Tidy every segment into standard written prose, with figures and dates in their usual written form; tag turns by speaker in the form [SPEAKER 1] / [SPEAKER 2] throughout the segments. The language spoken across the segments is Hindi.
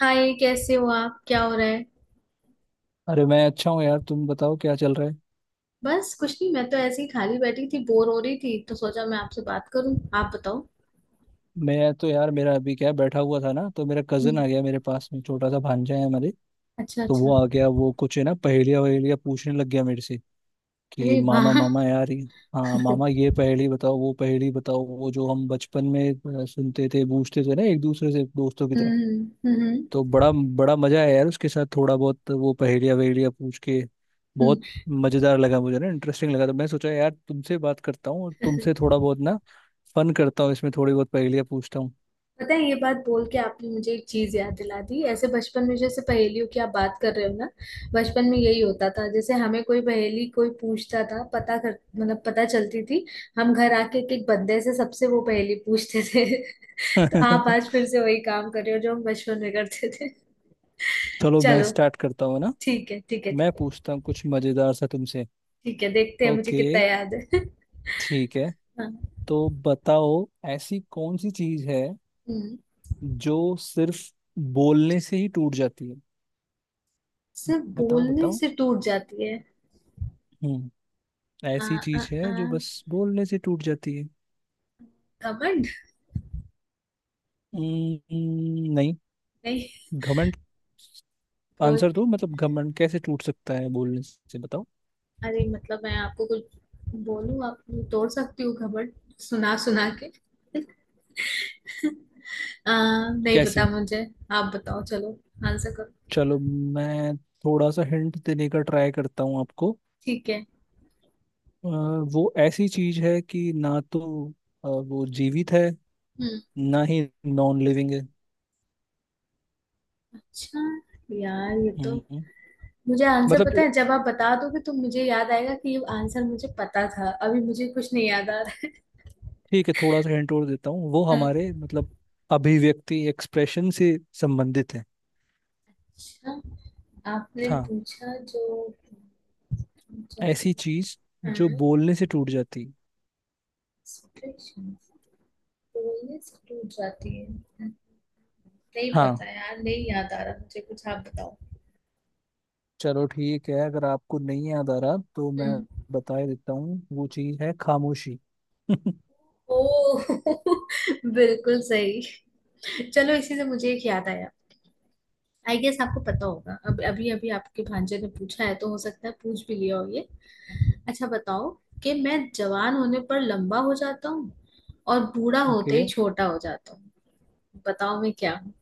[SPEAKER 1] हाय, कैसे हो आप? क्या हो रहा है?
[SPEAKER 2] अरे मैं अच्छा हूँ यार। तुम बताओ क्या चल रहा है।
[SPEAKER 1] बस कुछ नहीं, मैं तो ऐसे ही खाली बैठी थी, बोर हो रही थी तो सोचा मैं आपसे बात करूं। आप बताओ।
[SPEAKER 2] मैं तो यार मेरा अभी क्या है, बैठा हुआ था ना तो मेरा कजन
[SPEAKER 1] हम्म।
[SPEAKER 2] आ गया मेरे पास में। छोटा सा भांजा है हमारे
[SPEAKER 1] अच्छा
[SPEAKER 2] तो वो
[SPEAKER 1] अच्छा।
[SPEAKER 2] आ गया। वो कुछ है ना पहेलियाँ वहेलियाँ पूछने लग गया मेरे से कि
[SPEAKER 1] अरे
[SPEAKER 2] मामा
[SPEAKER 1] वाह।
[SPEAKER 2] मामा यार ये- हाँ मामा ये पहेली बताओ वो पहेली बताओ। वो जो हम बचपन में सुनते थे पूछते थे ना एक दूसरे से दोस्तों की तरह।
[SPEAKER 1] हम्म।
[SPEAKER 2] तो बड़ा बड़ा मजा आया यार उसके साथ थोड़ा बहुत वो पहेलिया वहेलिया पूछ के।
[SPEAKER 1] हम्म।
[SPEAKER 2] बहुत मजेदार लगा मुझे ना, इंटरेस्टिंग लगा। तो मैं सोचा यार तुमसे बात करता हूँ और तुमसे थोड़ा बहुत ना फन करता हूँ, इसमें थोड़ी बहुत पहेलियाँ पूछता हूँ।
[SPEAKER 1] पता है, ये बात बोल के आपने मुझे एक चीज याद दिला दी। ऐसे बचपन में, जैसे पहेलियों की आप बात कर रहे हो ना, बचपन में यही होता था। जैसे हमें कोई पहेली कोई पूछता था, पता कर, मतलब पता चलती थी, हम घर आके एक एक बंदे से, सबसे वो पहेली पूछते थे। तो आप आज फिर से वही काम कर रहे हो जो हम बचपन में करते थे।
[SPEAKER 2] चलो मैं
[SPEAKER 1] चलो।
[SPEAKER 2] स्टार्ट करता हूँ ना।
[SPEAKER 1] ठीक है, ठीक है,
[SPEAKER 2] मैं
[SPEAKER 1] ठीक है।
[SPEAKER 2] पूछता हूँ कुछ मजेदार सा तुमसे।
[SPEAKER 1] ठीक है, देखते हैं मुझे
[SPEAKER 2] ओके,
[SPEAKER 1] कितना याद है।
[SPEAKER 2] ठीक है।
[SPEAKER 1] हाँ।
[SPEAKER 2] तो बताओ ऐसी कौन सी चीज है
[SPEAKER 1] हम्म,
[SPEAKER 2] जो सिर्फ बोलने से ही टूट जाती है।
[SPEAKER 1] सिर्फ
[SPEAKER 2] बताओ
[SPEAKER 1] बोलने
[SPEAKER 2] बताओ।
[SPEAKER 1] से टूट जाती है।
[SPEAKER 2] हम्म,
[SPEAKER 1] आ
[SPEAKER 2] ऐसी
[SPEAKER 1] आ
[SPEAKER 2] चीज
[SPEAKER 1] आ
[SPEAKER 2] है जो बस बोलने से टूट जाती है।
[SPEAKER 1] घमंड।
[SPEAKER 2] नहीं
[SPEAKER 1] नहीं।
[SPEAKER 2] घमंड।
[SPEAKER 1] बोल।
[SPEAKER 2] आंसर दो, मतलब घमंड कैसे टूट सकता है बोलने से, बताओ
[SPEAKER 1] अरे, मतलब मैं आपको कुछ बोलूं, आप तोड़ सकती हो घमंड, सुना सुना के। नहीं पता
[SPEAKER 2] कैसे।
[SPEAKER 1] मुझे। आप बताओ, चलो, आंसर करो।
[SPEAKER 2] चलो मैं थोड़ा सा हिंट देने का ट्राई करता हूँ आपको।
[SPEAKER 1] ठीक है।
[SPEAKER 2] अ, वो ऐसी चीज है कि ना तो वो जीवित है
[SPEAKER 1] हम्म।
[SPEAKER 2] ना ही नॉन लिविंग है।
[SPEAKER 1] अच्छा, यार, ये तो
[SPEAKER 2] हम्म,
[SPEAKER 1] मुझे आंसर
[SPEAKER 2] मतलब
[SPEAKER 1] पता है। जब आप बता दोगे तो मुझे याद आएगा कि ये आंसर मुझे पता था। अभी मुझे कुछ नहीं याद आ रहा
[SPEAKER 2] ठीक है थोड़ा सा हिंट और देता हूँ। वो
[SPEAKER 1] है। अच्छा।
[SPEAKER 2] हमारे मतलब अभिव्यक्ति, एक्सप्रेशन से संबंधित है।
[SPEAKER 1] आपने
[SPEAKER 2] हाँ
[SPEAKER 1] पूछा जो, जाती
[SPEAKER 2] ऐसी चीज जो बोलने से टूट जाती।
[SPEAKER 1] है, कोरियस टूट जाती है। नहीं
[SPEAKER 2] हाँ
[SPEAKER 1] पता यार, नहीं याद आ रहा मुझे कुछ। आप बताओ।
[SPEAKER 2] चलो ठीक है, अगर आपको नहीं याद आ रहा तो मैं
[SPEAKER 1] हम्म।
[SPEAKER 2] बता ही देता हूँ। वो चीज़ है खामोशी।
[SPEAKER 1] ओ। बिल्कुल सही। चलो, इसी से मुझे एक याद आया। आई गेस आपको पता होगा, अब अभी अभी आपके भांजे ने पूछा है तो हो सकता है पूछ भी लिया हो ये। अच्छा बताओ, कि मैं जवान होने पर लंबा हो जाता हूँ और बूढ़ा होते
[SPEAKER 2] ओके,
[SPEAKER 1] ही छोटा हो जाता हूँ। बताओ मैं क्या हूँ।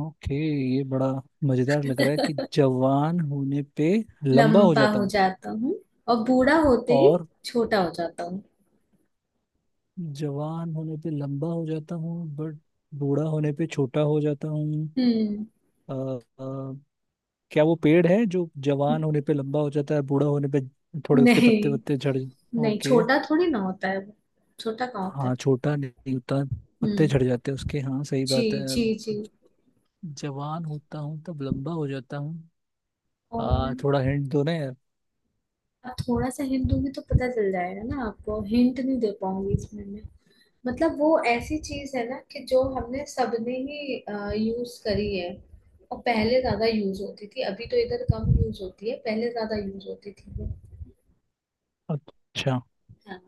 [SPEAKER 2] ओके। ये बड़ा मजेदार लग रहा है कि जवान होने पे लंबा हो
[SPEAKER 1] लंबा
[SPEAKER 2] जाता
[SPEAKER 1] हो
[SPEAKER 2] हूँ
[SPEAKER 1] जाता हूँ और बूढ़ा होते ही
[SPEAKER 2] और
[SPEAKER 1] छोटा हो जाता हूँ।
[SPEAKER 2] जवान होने पे लंबा हो जाता हूँ बट बूढ़ा होने पे छोटा हो जाता हूँ।
[SPEAKER 1] हम्म।
[SPEAKER 2] अ, अ, क्या वो पेड़ है जो जवान होने पे लंबा हो जाता है, बूढ़ा होने पे थोड़े उसके
[SPEAKER 1] नहीं।
[SPEAKER 2] पत्ते वत्ते झड़।
[SPEAKER 1] नहीं
[SPEAKER 2] ओके,
[SPEAKER 1] छोटा थोड़ी ना होता है वो। छोटा कहाँ होता है।
[SPEAKER 2] हाँ छोटा नहीं होता, पत्ते
[SPEAKER 1] हम्म।
[SPEAKER 2] झड़ जाते हैं उसके, हाँ सही
[SPEAKER 1] जी।
[SPEAKER 2] बात है।
[SPEAKER 1] जी जी।
[SPEAKER 2] जवान होता हूँ तब लंबा हो जाता हूँ।
[SPEAKER 1] और
[SPEAKER 2] आ थोड़ा हिंट दो ना यार।
[SPEAKER 1] आप थोड़ा सा हिंट दूंगी तो पता चल जाएगा ना आपको, हिंट नहीं दे पाऊंगी इसमें। मतलब वो ऐसी चीज है ना कि जो हमने सबने ही यूज करी है, और पहले ज्यादा यूज होती थी, अभी तो इधर कम यूज होती है, पहले ज्यादा यूज होती थी वो।
[SPEAKER 2] अच्छा,
[SPEAKER 1] हाँ।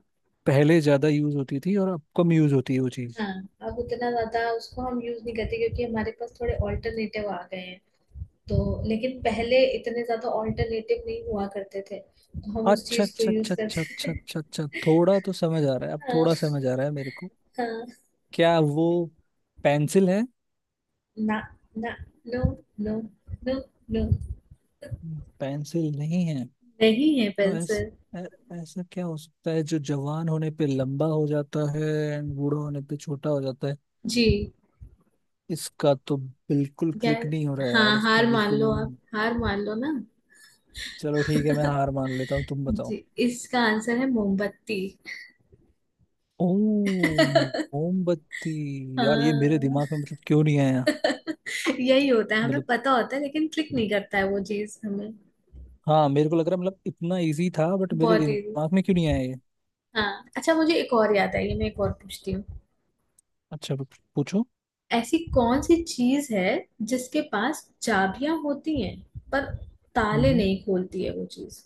[SPEAKER 2] पहले ज्यादा यूज होती थी और अब कम यूज होती है वो चीज।
[SPEAKER 1] हाँ, अब उतना ज्यादा उसको हम यूज नहीं करते क्योंकि हमारे पास थोड़े ऑल्टरनेटिव आ गए हैं, तो, लेकिन पहले इतने ज्यादा ऑल्टरनेटिव नहीं हुआ करते थे तो हम उस
[SPEAKER 2] अच्छा
[SPEAKER 1] चीज को
[SPEAKER 2] अच्छा
[SPEAKER 1] यूज
[SPEAKER 2] अच्छा अच्छा अच्छा
[SPEAKER 1] करते थे।
[SPEAKER 2] अच्छा अच्छा, थोड़ा तो समझ आ रहा है, अब
[SPEAKER 1] हाँ
[SPEAKER 2] थोड़ा समझ आ रहा है मेरे को।
[SPEAKER 1] हाँ।
[SPEAKER 2] क्या वो पेंसिल है?
[SPEAKER 1] ना, ना, no, no, no, no.
[SPEAKER 2] Pencil नहीं है।
[SPEAKER 1] नहीं है
[SPEAKER 2] तो
[SPEAKER 1] पेंसिल।
[SPEAKER 2] ऐ, ऐसा क्या हो सकता है जो जवान होने पे लंबा हो जाता है एंड बूढ़ा होने पे छोटा हो जाता है।
[SPEAKER 1] जी।
[SPEAKER 2] इसका तो बिल्कुल
[SPEAKER 1] यार,
[SPEAKER 2] क्लिक नहीं हो रहा है
[SPEAKER 1] हाँ,
[SPEAKER 2] यार, इसका
[SPEAKER 1] हार मान
[SPEAKER 2] बिल्कुल।
[SPEAKER 1] लो, आप हार मान लो ना।
[SPEAKER 2] चलो ठीक है, मैं हार मान लेता हूँ, तुम बताओ।
[SPEAKER 1] जी। इसका आंसर है मोमबत्ती।
[SPEAKER 2] ओ मोमबत्ती। यार ये मेरे
[SPEAKER 1] हाँ।
[SPEAKER 2] दिमाग में मतलब क्यों नहीं आया।
[SPEAKER 1] यही होता है, हमें
[SPEAKER 2] मतलब
[SPEAKER 1] पता होता है लेकिन क्लिक नहीं करता है वो चीज हमें।
[SPEAKER 2] हाँ मेरे को लग रहा है, मतलब इतना इजी था बट मेरे
[SPEAKER 1] बहुत इजी।
[SPEAKER 2] दिमाग में क्यों नहीं आया ये।
[SPEAKER 1] हाँ, अच्छा मुझे एक और याद आई है, मैं एक और पूछती हूँ।
[SPEAKER 2] अच्छा, बट पूछो।
[SPEAKER 1] ऐसी कौन सी चीज है जिसके पास चाबियां होती हैं, पर ताले
[SPEAKER 2] हम्म,
[SPEAKER 1] नहीं खोलती है वो चीज।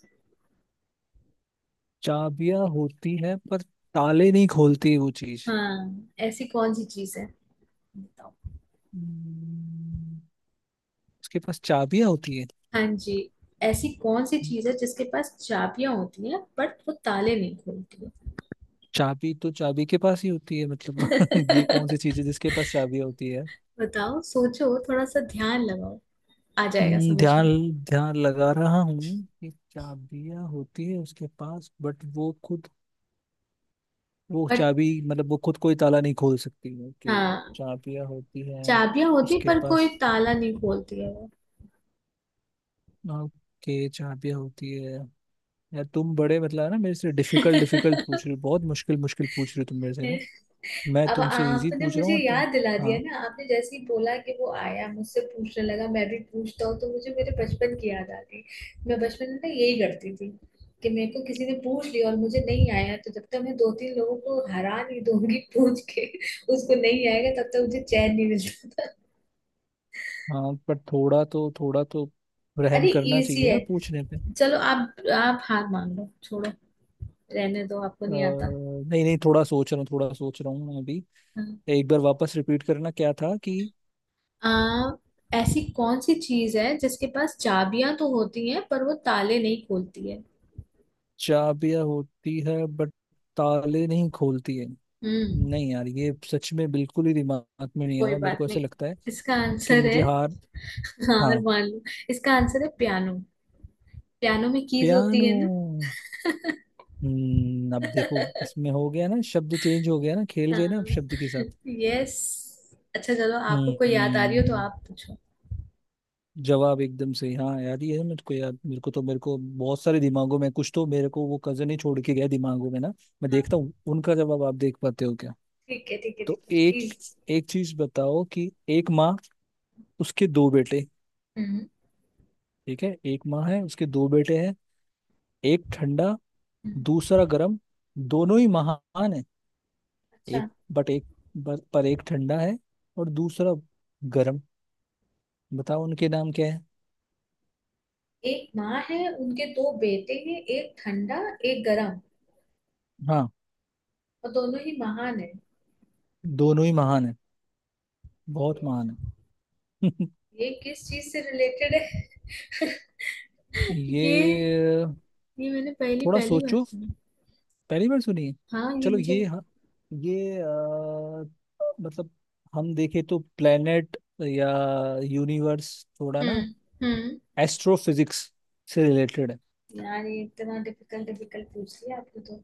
[SPEAKER 2] चाबियां होती है पर ताले नहीं खोलती वो चीज।
[SPEAKER 1] हाँ। ऐसी कौन सी चीज है, बताओ।
[SPEAKER 2] हम्म, उसके पास चाबियां होती है।
[SPEAKER 1] हाँ जी। ऐसी कौन सी चीज है जिसके पास चाबियां होती हैं बट वो ताले नहीं खोलती है।
[SPEAKER 2] चाबी तो चाबी के पास ही होती है मतलब ये कौन सी चीज है जिसके पास चाबियां होती है।
[SPEAKER 1] बताओ, सोचो थोड़ा सा, ध्यान लगाओ। आ जाएगा समझ
[SPEAKER 2] ध्यान,
[SPEAKER 1] में।
[SPEAKER 2] ध्यान लगा रहा हूँ कि चाबियां होती है उसके पास बट वो खुद, वो
[SPEAKER 1] बट
[SPEAKER 2] चाबी मतलब वो खुद कोई ताला नहीं खोल सकती है कि
[SPEAKER 1] हाँ,
[SPEAKER 2] चाबियां होती हैं
[SPEAKER 1] चाबियां होती,
[SPEAKER 2] उसके
[SPEAKER 1] पर कोई
[SPEAKER 2] पास।
[SPEAKER 1] ताला नहीं खोलती है वो।
[SPEAKER 2] ओके, चाबियां होती है। यार तुम बड़े मतलब है ना, मेरे से डिफिकल्ट डिफिकल्ट पूछ रहे हो, बहुत मुश्किल मुश्किल पूछ रहे हो तुम मेरे से ना। मैं
[SPEAKER 1] अब
[SPEAKER 2] तुमसे इजी
[SPEAKER 1] आपने
[SPEAKER 2] पूछ रहा
[SPEAKER 1] मुझे
[SPEAKER 2] हूँ तुम।
[SPEAKER 1] याद दिला
[SPEAKER 2] हाँ,
[SPEAKER 1] दिया ना। आपने जैसे ही बोला कि वो आया मुझसे पूछने लगा, मैं भी पूछता हूँ, तो मुझे मेरे बचपन की याद आ गई। मैं बचपन में ना यही करती थी कि मेरे को किसी ने पूछ लिया और मुझे नहीं आया, तो जब तक मैं दो तीन लोगों को हरा नहीं दूंगी पूछ के, उसको नहीं आएगा, तब तक मुझे चैन नहीं मिलता था।
[SPEAKER 2] हाँ पर थोड़ा तो रहम
[SPEAKER 1] अरे
[SPEAKER 2] करना
[SPEAKER 1] इजी
[SPEAKER 2] चाहिए
[SPEAKER 1] है,
[SPEAKER 2] ना पूछने पे।
[SPEAKER 1] चलो आप, हार मान लो, छोड़ो, रहने दो, आपको नहीं आता।
[SPEAKER 2] नहीं नहीं, थोड़ा सोच रहा हूँ मैं अभी।
[SPEAKER 1] हाँ,
[SPEAKER 2] एक बार वापस रिपीट करना क्या था कि
[SPEAKER 1] आ, ऐसी कौन सी चीज है जिसके पास चाबियां तो होती हैं पर वो ताले नहीं खोलती है।
[SPEAKER 2] चाबियां होती है बट ताले नहीं खोलती है।
[SPEAKER 1] हम्म।
[SPEAKER 2] नहीं यार ये सच में बिल्कुल ही दिमाग में नहीं आ
[SPEAKER 1] कोई
[SPEAKER 2] रहा मेरे
[SPEAKER 1] बात
[SPEAKER 2] को, ऐसा
[SPEAKER 1] नहीं,
[SPEAKER 2] लगता है
[SPEAKER 1] इसका
[SPEAKER 2] कि
[SPEAKER 1] आंसर है,
[SPEAKER 2] मुझे हार,
[SPEAKER 1] हाँ
[SPEAKER 2] हाँ,
[SPEAKER 1] मान लो, इसका आंसर है पियानो। पियानो में कीज होती
[SPEAKER 2] पियानो।
[SPEAKER 1] है ना।
[SPEAKER 2] हम्म, अब देखो इसमें हो गया ना, शब्द चेंज हो गया ना, खेल गए ना अब
[SPEAKER 1] हाँ।
[SPEAKER 2] शब्द के साथ।
[SPEAKER 1] यस। अच्छा चलो, आपको कोई याद आ रही हो तो
[SPEAKER 2] हम्म,
[SPEAKER 1] आप पूछो।
[SPEAKER 2] जवाब एकदम सही। हाँ यार ये है मेरे को याद, मेरे को तो मेरे को बहुत सारे दिमागों में, कुछ तो मेरे को वो कजन ही छोड़ के गया दिमागों में ना। मैं
[SPEAKER 1] हाँ।
[SPEAKER 2] देखता हूँ उनका जवाब, आप देख पाते हो क्या।
[SPEAKER 1] ठीक है, ठीक है, ठीक
[SPEAKER 2] तो
[SPEAKER 1] है,
[SPEAKER 2] एक
[SPEAKER 1] इज।
[SPEAKER 2] एक चीज बताओ कि एक माँ, उसके दो बेटे।
[SPEAKER 1] हम्म।
[SPEAKER 2] ठीक है एक माँ है, उसके दो बेटे हैं, एक ठंडा,
[SPEAKER 1] हम्म।
[SPEAKER 2] दूसरा गर्म, दोनों ही महान है।
[SPEAKER 1] अच्छा,
[SPEAKER 2] एक बट एक पर एक ठंडा है और दूसरा गर्म, बताओ उनके नाम क्या है।
[SPEAKER 1] एक माँ है, उनके दो बेटे हैं, एक ठंडा, एक गरम,
[SPEAKER 2] हाँ
[SPEAKER 1] और दोनों ही महान
[SPEAKER 2] दोनों ही महान है, बहुत
[SPEAKER 1] है।
[SPEAKER 2] महान है।
[SPEAKER 1] ये किस चीज से रिलेटेड है? ये
[SPEAKER 2] ये
[SPEAKER 1] ये मैंने पहली
[SPEAKER 2] थोड़ा
[SPEAKER 1] पहली बार
[SPEAKER 2] सोचो।
[SPEAKER 1] सुनी।
[SPEAKER 2] पहली बार सुनिए।
[SPEAKER 1] हाँ, ये
[SPEAKER 2] चलो
[SPEAKER 1] मुझे।
[SPEAKER 2] ये हाँ, ये मतलब हम देखें तो प्लेनेट या यूनिवर्स, थोड़ा ना
[SPEAKER 1] हम्म। हम्म।
[SPEAKER 2] एस्ट्रोफिजिक्स से रिलेटेड है।
[SPEAKER 1] यार, ये इतना डिफिकल्ट डिफिकल्ट पूछ लिया आपने तो।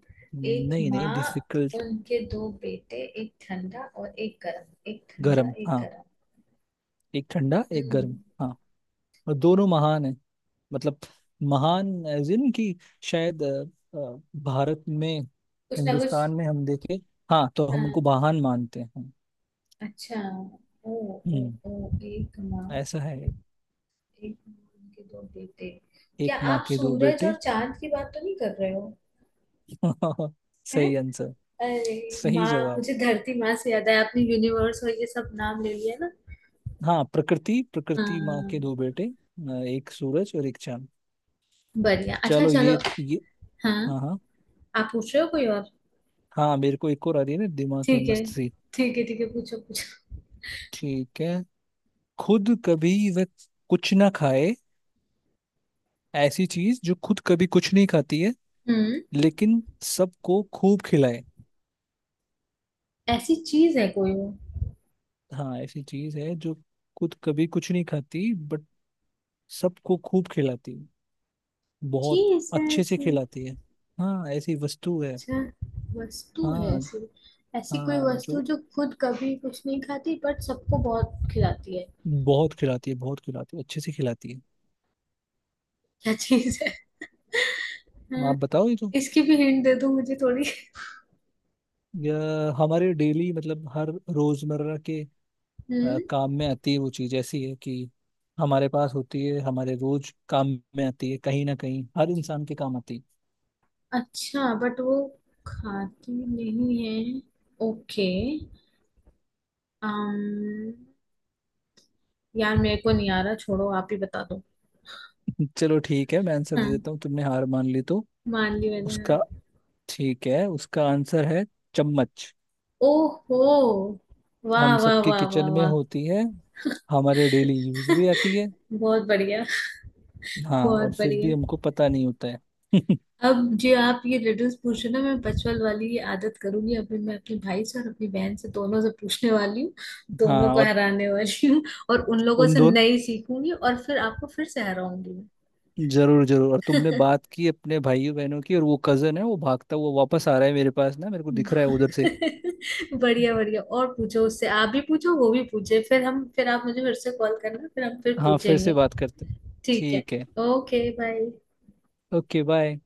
[SPEAKER 1] एक
[SPEAKER 2] नहीं नहीं
[SPEAKER 1] माँ,
[SPEAKER 2] डिफिकल्ट।
[SPEAKER 1] उनके दो बेटे, एक ठंडा और एक गर्म, एक ठंडा
[SPEAKER 2] गर्म,
[SPEAKER 1] एक
[SPEAKER 2] हाँ।
[SPEAKER 1] गर्म।
[SPEAKER 2] एक ठंडा एक
[SPEAKER 1] हम्म।
[SPEAKER 2] गर्म, हाँ। और दोनों महान है, मतलब महान एज इन की शायद भारत में,
[SPEAKER 1] कुछ ना कुछ।
[SPEAKER 2] हिंदुस्तान में हम देखे, हाँ तो हम उनको
[SPEAKER 1] हाँ।
[SPEAKER 2] महान मानते हैं।
[SPEAKER 1] अच्छा। ओ। ओ।
[SPEAKER 2] हम्म,
[SPEAKER 1] ओ, एक माँ,
[SPEAKER 2] ऐसा है,
[SPEAKER 1] एक माँ उनके दो बेटे। क्या
[SPEAKER 2] एक माँ
[SPEAKER 1] आप
[SPEAKER 2] के दो
[SPEAKER 1] सूरज और
[SPEAKER 2] बेटे।
[SPEAKER 1] चांद की बात तो नहीं कर रहे हो? हैं?
[SPEAKER 2] सही आंसर,
[SPEAKER 1] अरे
[SPEAKER 2] सही
[SPEAKER 1] माँ,
[SPEAKER 2] जवाब।
[SPEAKER 1] मुझे धरती माँ से याद है। आपने यूनिवर्स और ये सब नाम ले लिया ना।
[SPEAKER 2] हाँ प्रकृति, प्रकृति माँ के
[SPEAKER 1] हाँ।
[SPEAKER 2] दो बेटे, एक सूरज और एक चांद।
[SPEAKER 1] बढ़िया, अच्छा
[SPEAKER 2] चलो
[SPEAKER 1] चलो।
[SPEAKER 2] ये,
[SPEAKER 1] हाँ।
[SPEAKER 2] हाँ हाँ।
[SPEAKER 1] आप पूछ रहे हो कोई और?
[SPEAKER 2] हाँ मेरे को एक और आ रही है ना दिमाग में,
[SPEAKER 1] ठीक है,
[SPEAKER 2] मस्त सी।
[SPEAKER 1] ठीक है, ठीक है, पूछो पूछो।
[SPEAKER 2] ठीक है, खुद कभी वह कुछ ना खाए, ऐसी चीज जो खुद कभी कुछ नहीं खाती है
[SPEAKER 1] हम्म।
[SPEAKER 2] लेकिन सबको खूब खिलाए।
[SPEAKER 1] ऐसी चीज है कोई वो?
[SPEAKER 2] हाँ ऐसी चीज है जो खुद कभी कुछ नहीं खाती बट सबको खूब खिलाती है, बहुत
[SPEAKER 1] चीज है
[SPEAKER 2] अच्छे से
[SPEAKER 1] ऐसी?
[SPEAKER 2] खिलाती है। हाँ ऐसी वस्तु है।
[SPEAKER 1] अच्छा, वस्तु है
[SPEAKER 2] हाँ
[SPEAKER 1] ऐसी। ऐसी कोई
[SPEAKER 2] हाँ
[SPEAKER 1] वस्तु
[SPEAKER 2] जो
[SPEAKER 1] जो खुद कभी कुछ नहीं खाती बट सबको बहुत खिलाती है?
[SPEAKER 2] बहुत खिलाती है, बहुत खिलाती है, अच्छे से खिलाती है।
[SPEAKER 1] क्या चीज है? हाँ,
[SPEAKER 2] आप बताओ, ये तो,
[SPEAKER 1] इसकी भी हिंट दे दो मुझे थोड़ी।
[SPEAKER 2] या हमारे डेली मतलब हर रोजमर्रा के
[SPEAKER 1] हम्म।
[SPEAKER 2] काम में आती है। वो चीज ऐसी है कि हमारे पास होती है, हमारे रोज काम में आती है, कहीं ना कहीं हर इंसान के काम आती
[SPEAKER 1] अच्छा, बट वो खाती नहीं है। ओके। अम, यार मेरे को नहीं आ रहा, छोड़ो, आप ही बता दो।
[SPEAKER 2] है। चलो ठीक है मैं आंसर दे
[SPEAKER 1] हाँ,
[SPEAKER 2] देता हूँ, तुमने हार मान ली तो।
[SPEAKER 1] मान ली मैंने हार।
[SPEAKER 2] उसका, ठीक है उसका आंसर है चम्मच।
[SPEAKER 1] ओहो, वाह
[SPEAKER 2] हम
[SPEAKER 1] वाह
[SPEAKER 2] सबके
[SPEAKER 1] वाह वाह
[SPEAKER 2] किचन में
[SPEAKER 1] वाह।
[SPEAKER 2] होती है, हमारे डेली यूज भी आती है।
[SPEAKER 1] बहुत बढ़िया।
[SPEAKER 2] हाँ और
[SPEAKER 1] बहुत
[SPEAKER 2] फिर भी
[SPEAKER 1] बढ़िया।
[SPEAKER 2] हमको पता नहीं होता है।
[SPEAKER 1] अब जो आप ये रिडल्स पूछ रहे हो ना, मैं बचपन वाली ये आदत करूंगी अभी। मैं अपने भाई से और अपनी बहन से, दोनों से पूछने वाली हूँ, दोनों
[SPEAKER 2] हाँ
[SPEAKER 1] को
[SPEAKER 2] और
[SPEAKER 1] हराने वाली हूँ, और उन लोगों
[SPEAKER 2] उन
[SPEAKER 1] से
[SPEAKER 2] दोनों,
[SPEAKER 1] नई सीखूंगी और फिर आपको फिर से हराऊंगी।
[SPEAKER 2] जरूर जरूर। और तुमने बात की अपने भाइयों बहनों की, और वो कजन है वो भागता हुआ वापस आ रहा है मेरे पास ना, मेरे को दिख
[SPEAKER 1] मैं
[SPEAKER 2] रहा है उधर से।
[SPEAKER 1] बढ़िया बढ़िया। और पूछो उससे, आप भी पूछो, वो भी पूछे, फिर हम, फिर आप मुझे फिर से कॉल करना, फिर हम फिर
[SPEAKER 2] हाँ फिर से
[SPEAKER 1] पूछेंगे।
[SPEAKER 2] बात करते हैं।
[SPEAKER 1] ठीक है।
[SPEAKER 2] ठीक है,
[SPEAKER 1] ओके बाय।
[SPEAKER 2] Okay bye.